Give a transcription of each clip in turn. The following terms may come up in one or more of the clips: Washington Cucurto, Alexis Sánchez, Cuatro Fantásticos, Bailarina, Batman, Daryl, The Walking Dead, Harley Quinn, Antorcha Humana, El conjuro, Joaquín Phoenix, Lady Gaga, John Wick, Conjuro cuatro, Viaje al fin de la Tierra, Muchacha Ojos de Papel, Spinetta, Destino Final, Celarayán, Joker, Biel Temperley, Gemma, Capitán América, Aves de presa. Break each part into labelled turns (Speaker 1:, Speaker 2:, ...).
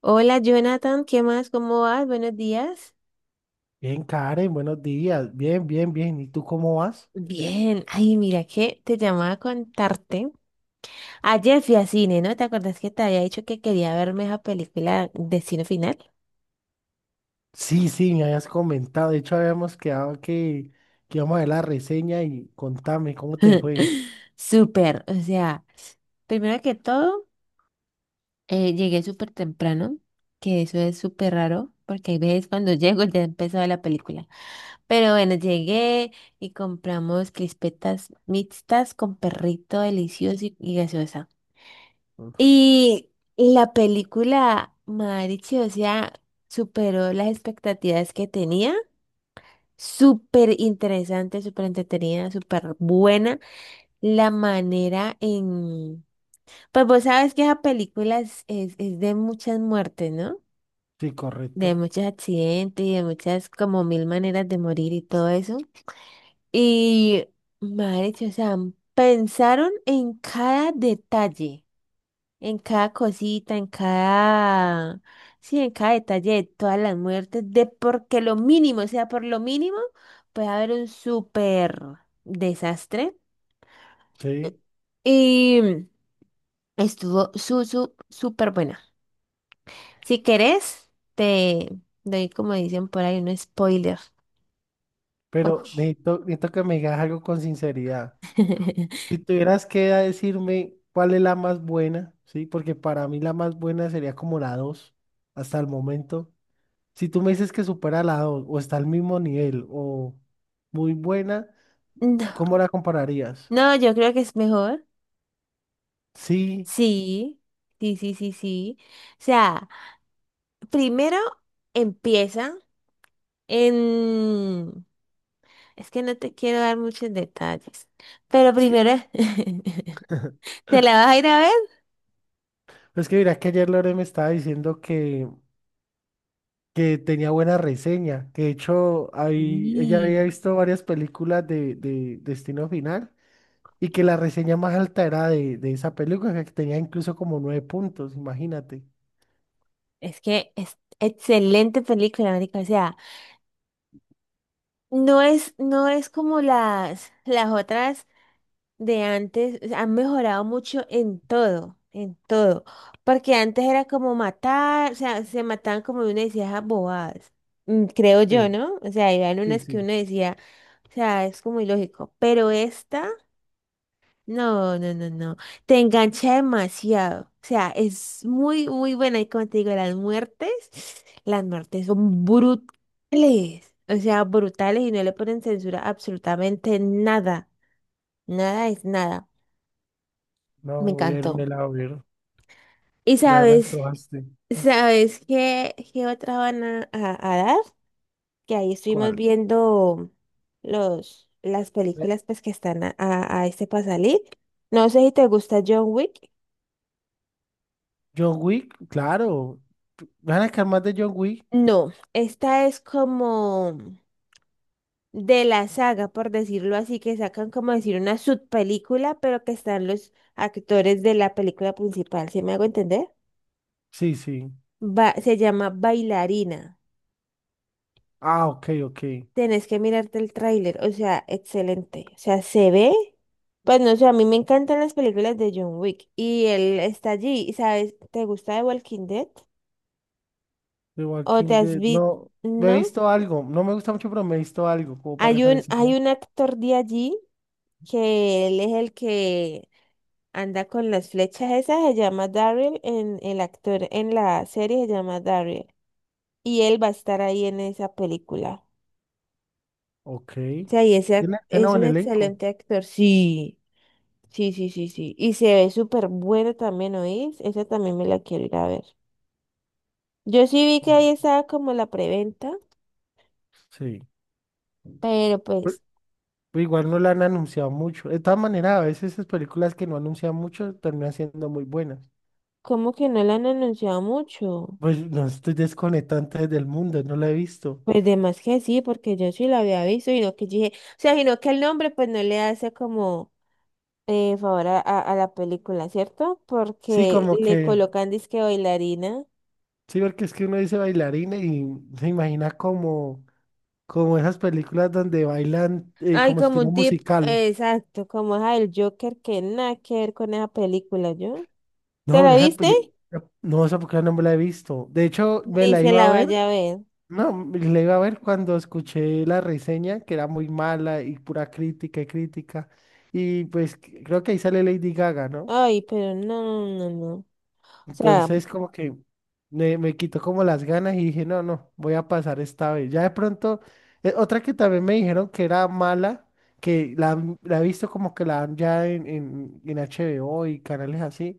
Speaker 1: Hola Jonathan, ¿qué más? ¿Cómo vas? Buenos días.
Speaker 2: Bien, Karen, buenos días. Bien, bien, bien. ¿Y tú cómo vas?
Speaker 1: Bien, ay, mira que te llamaba a contarte. Ayer fui a cine, ¿no? ¿Te acuerdas que te había dicho que quería verme esa película Destino Final?
Speaker 2: Sí, sí, me habías comentado. De hecho, habíamos quedado que íbamos a ver la reseña y contame cómo te fue.
Speaker 1: Súper, o sea, primero que todo, llegué súper temprano, que eso es súper raro, porque hay veces cuando llego ya empezó la película. Pero bueno, llegué y compramos crispetas mixtas con perrito delicioso y gaseosa.
Speaker 2: Uf.
Speaker 1: Y la película, Marichi, o sea, superó las expectativas que tenía. Súper interesante, súper entretenida, súper buena. La manera en... Pues vos sabes que esa película es de muchas muertes, ¿no?
Speaker 2: Sí,
Speaker 1: De
Speaker 2: correcto.
Speaker 1: muchos accidentes y de muchas, como mil maneras de morir y todo eso. Y, Marichi, o sea, pensaron en cada detalle. En cada cosita, en cada, sí, en cada detalle de todas las muertes, de porque lo mínimo, o sea, por lo mínimo, puede haber un súper desastre.
Speaker 2: Sí.
Speaker 1: Y estuvo súper buena. Si querés, te doy, como dicen por ahí, un spoiler.
Speaker 2: Pero
Speaker 1: Ok.
Speaker 2: necesito, necesito que me digas algo con sinceridad. Si tuvieras que decirme cuál es la más buena, ¿sí? Porque para mí la más buena sería como la 2 hasta el momento. Si tú me dices que supera la 2 o está al mismo nivel o muy buena,
Speaker 1: No,
Speaker 2: ¿cómo la compararías?
Speaker 1: no, yo creo que es mejor.
Speaker 2: Sí,
Speaker 1: Sí, sí, sí, sí, sí. O sea, primero empieza en... Es que no te quiero dar muchos detalles. Pero
Speaker 2: es que,
Speaker 1: primero, ¿te la vas a ir a ver?
Speaker 2: es que mira que ayer Lore me estaba diciendo que tenía buena reseña, que de hecho ahí ella había
Speaker 1: Sí.
Speaker 2: visto varias películas de Destino Final y que la reseña más alta era de esa película, que tenía incluso como nueve puntos, imagínate.
Speaker 1: Es que es excelente película, marica. O sea, no es como las otras de antes. O sea, han mejorado mucho en todo, en todo. Porque antes era como matar, o sea, se mataban como uno decía esas bobadas. Creo yo,
Speaker 2: Sí,
Speaker 1: ¿no? O sea, eran
Speaker 2: sí,
Speaker 1: unas que
Speaker 2: sí.
Speaker 1: uno decía, o sea, es como ilógico. Pero esta. No, no, no, no. Te engancha demasiado. O sea, es muy, muy buena. Y como te digo, las muertes son brutales. O sea, brutales y no le ponen censura a absolutamente nada. Nada es nada.
Speaker 2: No,
Speaker 1: Me
Speaker 2: voy a irme
Speaker 1: encantó.
Speaker 2: a ver,
Speaker 1: Y
Speaker 2: ya me
Speaker 1: sabes,
Speaker 2: antojaste.
Speaker 1: ¿sabes qué, qué otra van a dar? Que ahí estuvimos
Speaker 2: ¿Cuál?
Speaker 1: viendo las
Speaker 2: Eh,
Speaker 1: películas pues, que están a este pasalí. No sé si te gusta John Wick.
Speaker 2: John Wick, claro. ¿Van a sacar más de John Wick?
Speaker 1: No, esta es como de la saga, por decirlo así, que sacan como decir una subpelícula, pero que están los actores de la película principal. ¿Sí me hago entender?
Speaker 2: Sí, sí.
Speaker 1: Va, se llama Bailarina.
Speaker 2: Ah, ok, ok.
Speaker 1: Tenés que mirarte el tráiler, o sea, excelente. O sea, se ve. Pues no sé, a mí me encantan las películas de John Wick y él está allí, y ¿sabes? ¿Te gusta The Walking Dead?
Speaker 2: The
Speaker 1: ¿O te
Speaker 2: Walking
Speaker 1: has
Speaker 2: Dead.
Speaker 1: visto?
Speaker 2: No, me he
Speaker 1: ¿No?
Speaker 2: visto algo. No me gusta mucho, pero me he visto algo como para referencia,
Speaker 1: Hay
Speaker 2: ¿no?
Speaker 1: un actor de allí que él es el que anda con las flechas esas, se llama Daryl, en el actor en la serie se llama Daryl. Y él va a estar ahí en esa película.
Speaker 2: Ok.
Speaker 1: O sea, y
Speaker 2: Tiene, tiene
Speaker 1: es
Speaker 2: buen
Speaker 1: un
Speaker 2: elenco.
Speaker 1: excelente actor. Sí, sí, sí, sí, sí. Y se ve súper bueno también, ¿oís? Esa también me la quiero ir a ver. Yo sí vi que ahí estaba como la preventa,
Speaker 2: Sí.
Speaker 1: pero
Speaker 2: Pero
Speaker 1: pues,
Speaker 2: pero igual no la han anunciado mucho. De todas maneras, a veces esas películas que no anuncian mucho terminan siendo muy buenas.
Speaker 1: como que no la han anunciado mucho.
Speaker 2: Pues no estoy desconectante del mundo, no la he visto.
Speaker 1: Pues de más que sí, porque yo sí la había visto, y no que yo dije, o sea, sino que el nombre pues no le hace como favor a la película, ¿cierto?
Speaker 2: Sí,
Speaker 1: Porque
Speaker 2: como
Speaker 1: le
Speaker 2: que,
Speaker 1: colocan disque bailarina.
Speaker 2: sí, porque es que uno dice bailarina y se imagina como, como esas películas donde bailan
Speaker 1: Ay,
Speaker 2: como
Speaker 1: como
Speaker 2: estilo
Speaker 1: un tip,
Speaker 2: musical.
Speaker 1: exacto, como es el Joker, que nada que ver con esa película, ¿yo? ¿Te
Speaker 2: No, no,
Speaker 1: la viste?
Speaker 2: no, esa película no me la he visto. De hecho, me
Speaker 1: Ni
Speaker 2: la
Speaker 1: se
Speaker 2: iba a
Speaker 1: la
Speaker 2: ver.
Speaker 1: vaya a ver.
Speaker 2: No, me la iba a ver cuando escuché la reseña, que era muy mala y pura crítica y crítica. Y pues creo que ahí sale Lady Gaga, ¿no?
Speaker 1: Ay, pero no, no, no, no. O sea,
Speaker 2: Entonces como que me quitó como las ganas y dije, no, no, voy a pasar esta vez. Ya de pronto, otra que también me dijeron que era mala, la he visto como que la dan ya en, en HBO y canales así,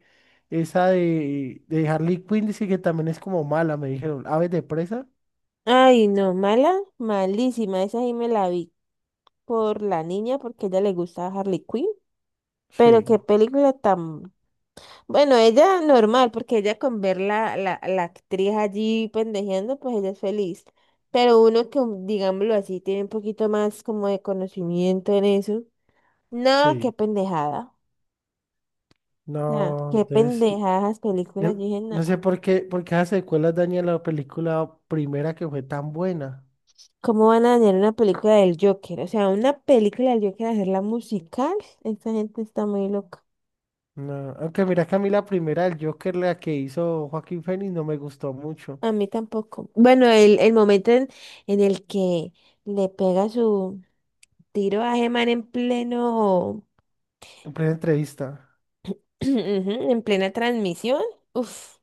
Speaker 2: esa de Harley Quinn dice que también es como mala, me dijeron, Aves de presa.
Speaker 1: ay, no, mala, malísima. Esa sí me la vi por la niña porque a ella le gustaba Harley Quinn. Pero
Speaker 2: Sí,
Speaker 1: qué película tan. Bueno, ella normal, porque ella con ver la actriz allí pendejeando, pues ella es feliz. Pero uno que, digámoslo así, tiene un poquito más como de conocimiento en eso. No, qué
Speaker 2: sí.
Speaker 1: pendejada. No,
Speaker 2: No,
Speaker 1: qué
Speaker 2: entonces,
Speaker 1: pendejadas películas.
Speaker 2: yo
Speaker 1: Yo dije, no,
Speaker 2: no sé por qué esas secuelas dañan la película primera que fue tan buena.
Speaker 1: ¿cómo van a dañar una película del Joker? O sea, una película del Joker, hacerla musical. Esta gente está muy loca.
Speaker 2: No, aunque mira que a mí la primera del Joker, la que hizo Joaquín Phoenix, no me gustó mucho.
Speaker 1: A mí tampoco. Bueno, el momento en el que le pega su tiro a Gemma en pleno.
Speaker 2: En plena entrevista.
Speaker 1: Ujú, en plena transmisión. Uf.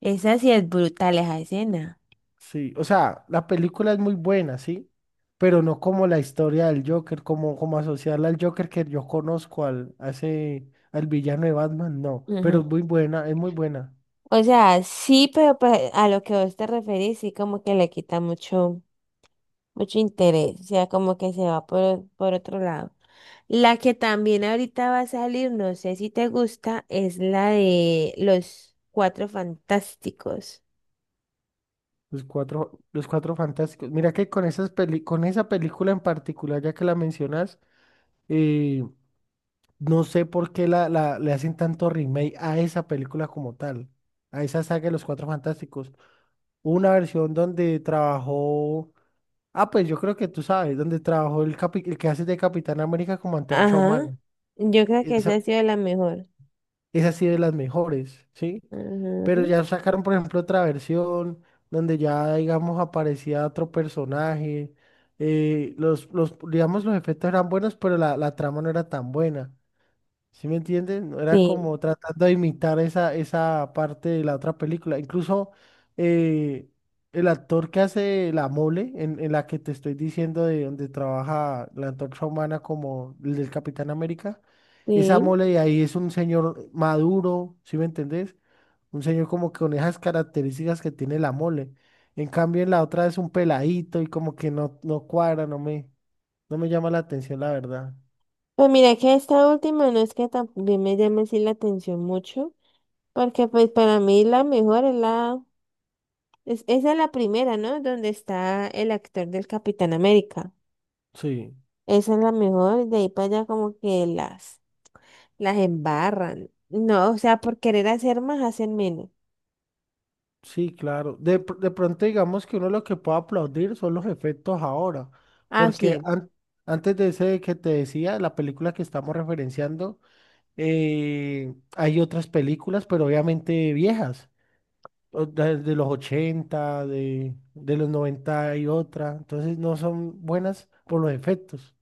Speaker 1: Esa sí es brutal, esa escena.
Speaker 2: Sí, o sea, la película es muy buena, sí, pero no como la historia del Joker, como, como asociarla al Joker que yo conozco al, a al villano de Batman, no. Pero es
Speaker 1: Ujú.
Speaker 2: muy buena, es muy buena.
Speaker 1: O sea, sí, pero pues, a lo que vos te referís, sí como que le quita mucho, mucho interés. O sea, como que se va por otro lado. La que también ahorita va a salir, no sé si te gusta, es la de los Cuatro Fantásticos.
Speaker 2: Los cuatro fantásticos. Mira que con con esa película en particular, ya que la mencionas, eh, no sé por qué le hacen tanto remake a esa película como tal, a esa saga de los Cuatro Fantásticos. Hubo una versión donde trabajó, ah, pues yo creo que tú sabes, donde trabajó el que hace de Capitán América como Antorcha
Speaker 1: Ajá.
Speaker 2: Humana.
Speaker 1: Yo creo que esa ha
Speaker 2: Esa,
Speaker 1: sido la mejor.
Speaker 2: esa sí de las mejores, ¿sí?
Speaker 1: Ajá.
Speaker 2: Pero ya sacaron, por ejemplo, otra versión donde ya, digamos, aparecía otro personaje. Eh, los, digamos, los efectos eran buenos, pero la trama no era tan buena. ¿Sí me entienden? Era
Speaker 1: Sí,
Speaker 2: como tratando de imitar esa, esa parte de la otra película. Incluso eh, el actor que hace la mole, en la que te estoy diciendo de donde trabaja la antorcha humana como el del Capitán América, esa
Speaker 1: sí.
Speaker 2: mole de ahí es un señor maduro, ¿sí me entendés? Un señor como que con esas características que tiene la mole. En cambio, en la otra es un peladito y como que no, no cuadra, no me, no me llama la atención, la verdad.
Speaker 1: Pues mira que esta última no es que también me llame así la atención mucho, porque pues para mí la mejor es es, esa es la primera, ¿no? Donde está el actor del Capitán América.
Speaker 2: Sí.
Speaker 1: Esa es la mejor, y de ahí para allá como que las embarran. No, o sea, por querer hacer más, hacen menos.
Speaker 2: Sí, claro. De pronto digamos que uno lo que puede aplaudir son los efectos ahora,
Speaker 1: Ah, sí,
Speaker 2: porque antes de ese que te decía, la película que estamos referenciando, hay otras películas, pero obviamente viejas, o de los 80, de los 90 y otra, entonces no son buenas por los efectos.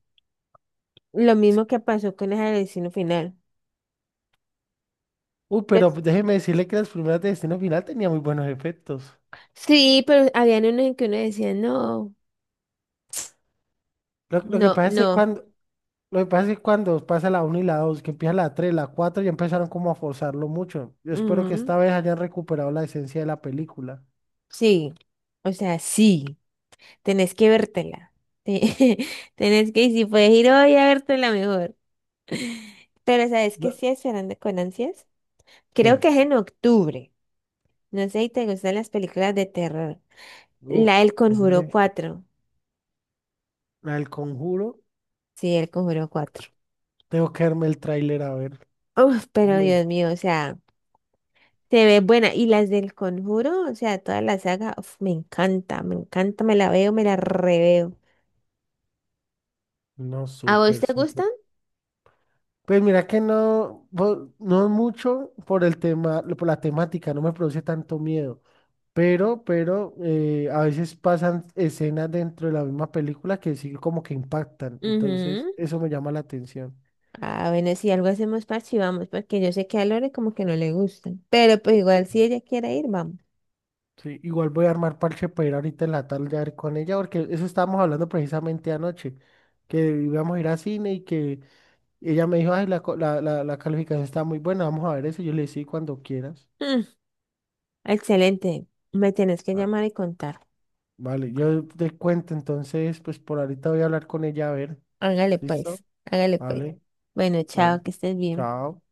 Speaker 1: lo mismo que pasó con el destino final.
Speaker 2: Uy, pero
Speaker 1: Pues,
Speaker 2: déjeme decirle que las primeras de Destino Final tenían muy buenos efectos.
Speaker 1: sí, pero habían unos en que uno decía, no,
Speaker 2: Lo, lo que
Speaker 1: no,
Speaker 2: pasa es que
Speaker 1: no,
Speaker 2: cuando, Lo que pasa es que cuando pasa la uno y la 2 que empieza la 3 la 4 ya empezaron como a forzarlo mucho. Yo espero que
Speaker 1: ujú,
Speaker 2: esta vez hayan recuperado la esencia de la película.
Speaker 1: sí, o sea, sí. Tenés que vértela. Te- Tenés que, y si puedes ir hoy a vértela mejor. Pero ¿sabes qué
Speaker 2: No.
Speaker 1: estoy esperando con ansias? Creo
Speaker 2: Que,
Speaker 1: que es en octubre. No sé si te gustan las películas de terror.
Speaker 2: uf,
Speaker 1: La del Conjuro
Speaker 2: hombre,
Speaker 1: cuatro.
Speaker 2: al conjuro,
Speaker 1: Sí, el Conjuro cuatro.
Speaker 2: tengo que verme el tráiler a ver.
Speaker 1: Uf, pero
Speaker 2: Uy.
Speaker 1: Dios mío, o sea, se ve buena. Y las del Conjuro, o sea, toda la saga, uf, me encanta, me encanta, me la veo, me la reveo.
Speaker 2: No,
Speaker 1: ¿A vos
Speaker 2: súper,
Speaker 1: te
Speaker 2: súper.
Speaker 1: gustan?
Speaker 2: Pues mira que no, no es mucho por el tema, por la temática, no me produce tanto miedo. Pero a veces pasan escenas dentro de la misma película que sí como que impactan. Entonces,
Speaker 1: Ujú.
Speaker 2: eso me llama la atención.
Speaker 1: Ah, bueno, si algo hacemos parche, vamos, porque yo sé que a Lore como que no le gusta. Pero pues igual si ella quiere ir, vamos.
Speaker 2: Sí, igual voy a armar parche para ir ahorita en la tarde a ver con ella, porque eso estábamos hablando precisamente anoche, que íbamos a ir a cine y que ella me dijo, ay, la, la, la calificación está muy buena, vamos a ver eso. Yo le dije, sí, cuando quieras.
Speaker 1: Mm, excelente. Me tienes que
Speaker 2: Ah,
Speaker 1: llamar y contar.
Speaker 2: vale, yo te cuento, entonces, pues por ahorita voy a hablar con ella, a ver,
Speaker 1: Hágale
Speaker 2: ¿listo?
Speaker 1: pues, hágale pues.
Speaker 2: Vale,
Speaker 1: Bueno,
Speaker 2: dale,
Speaker 1: chao, que estés bien.
Speaker 2: chao.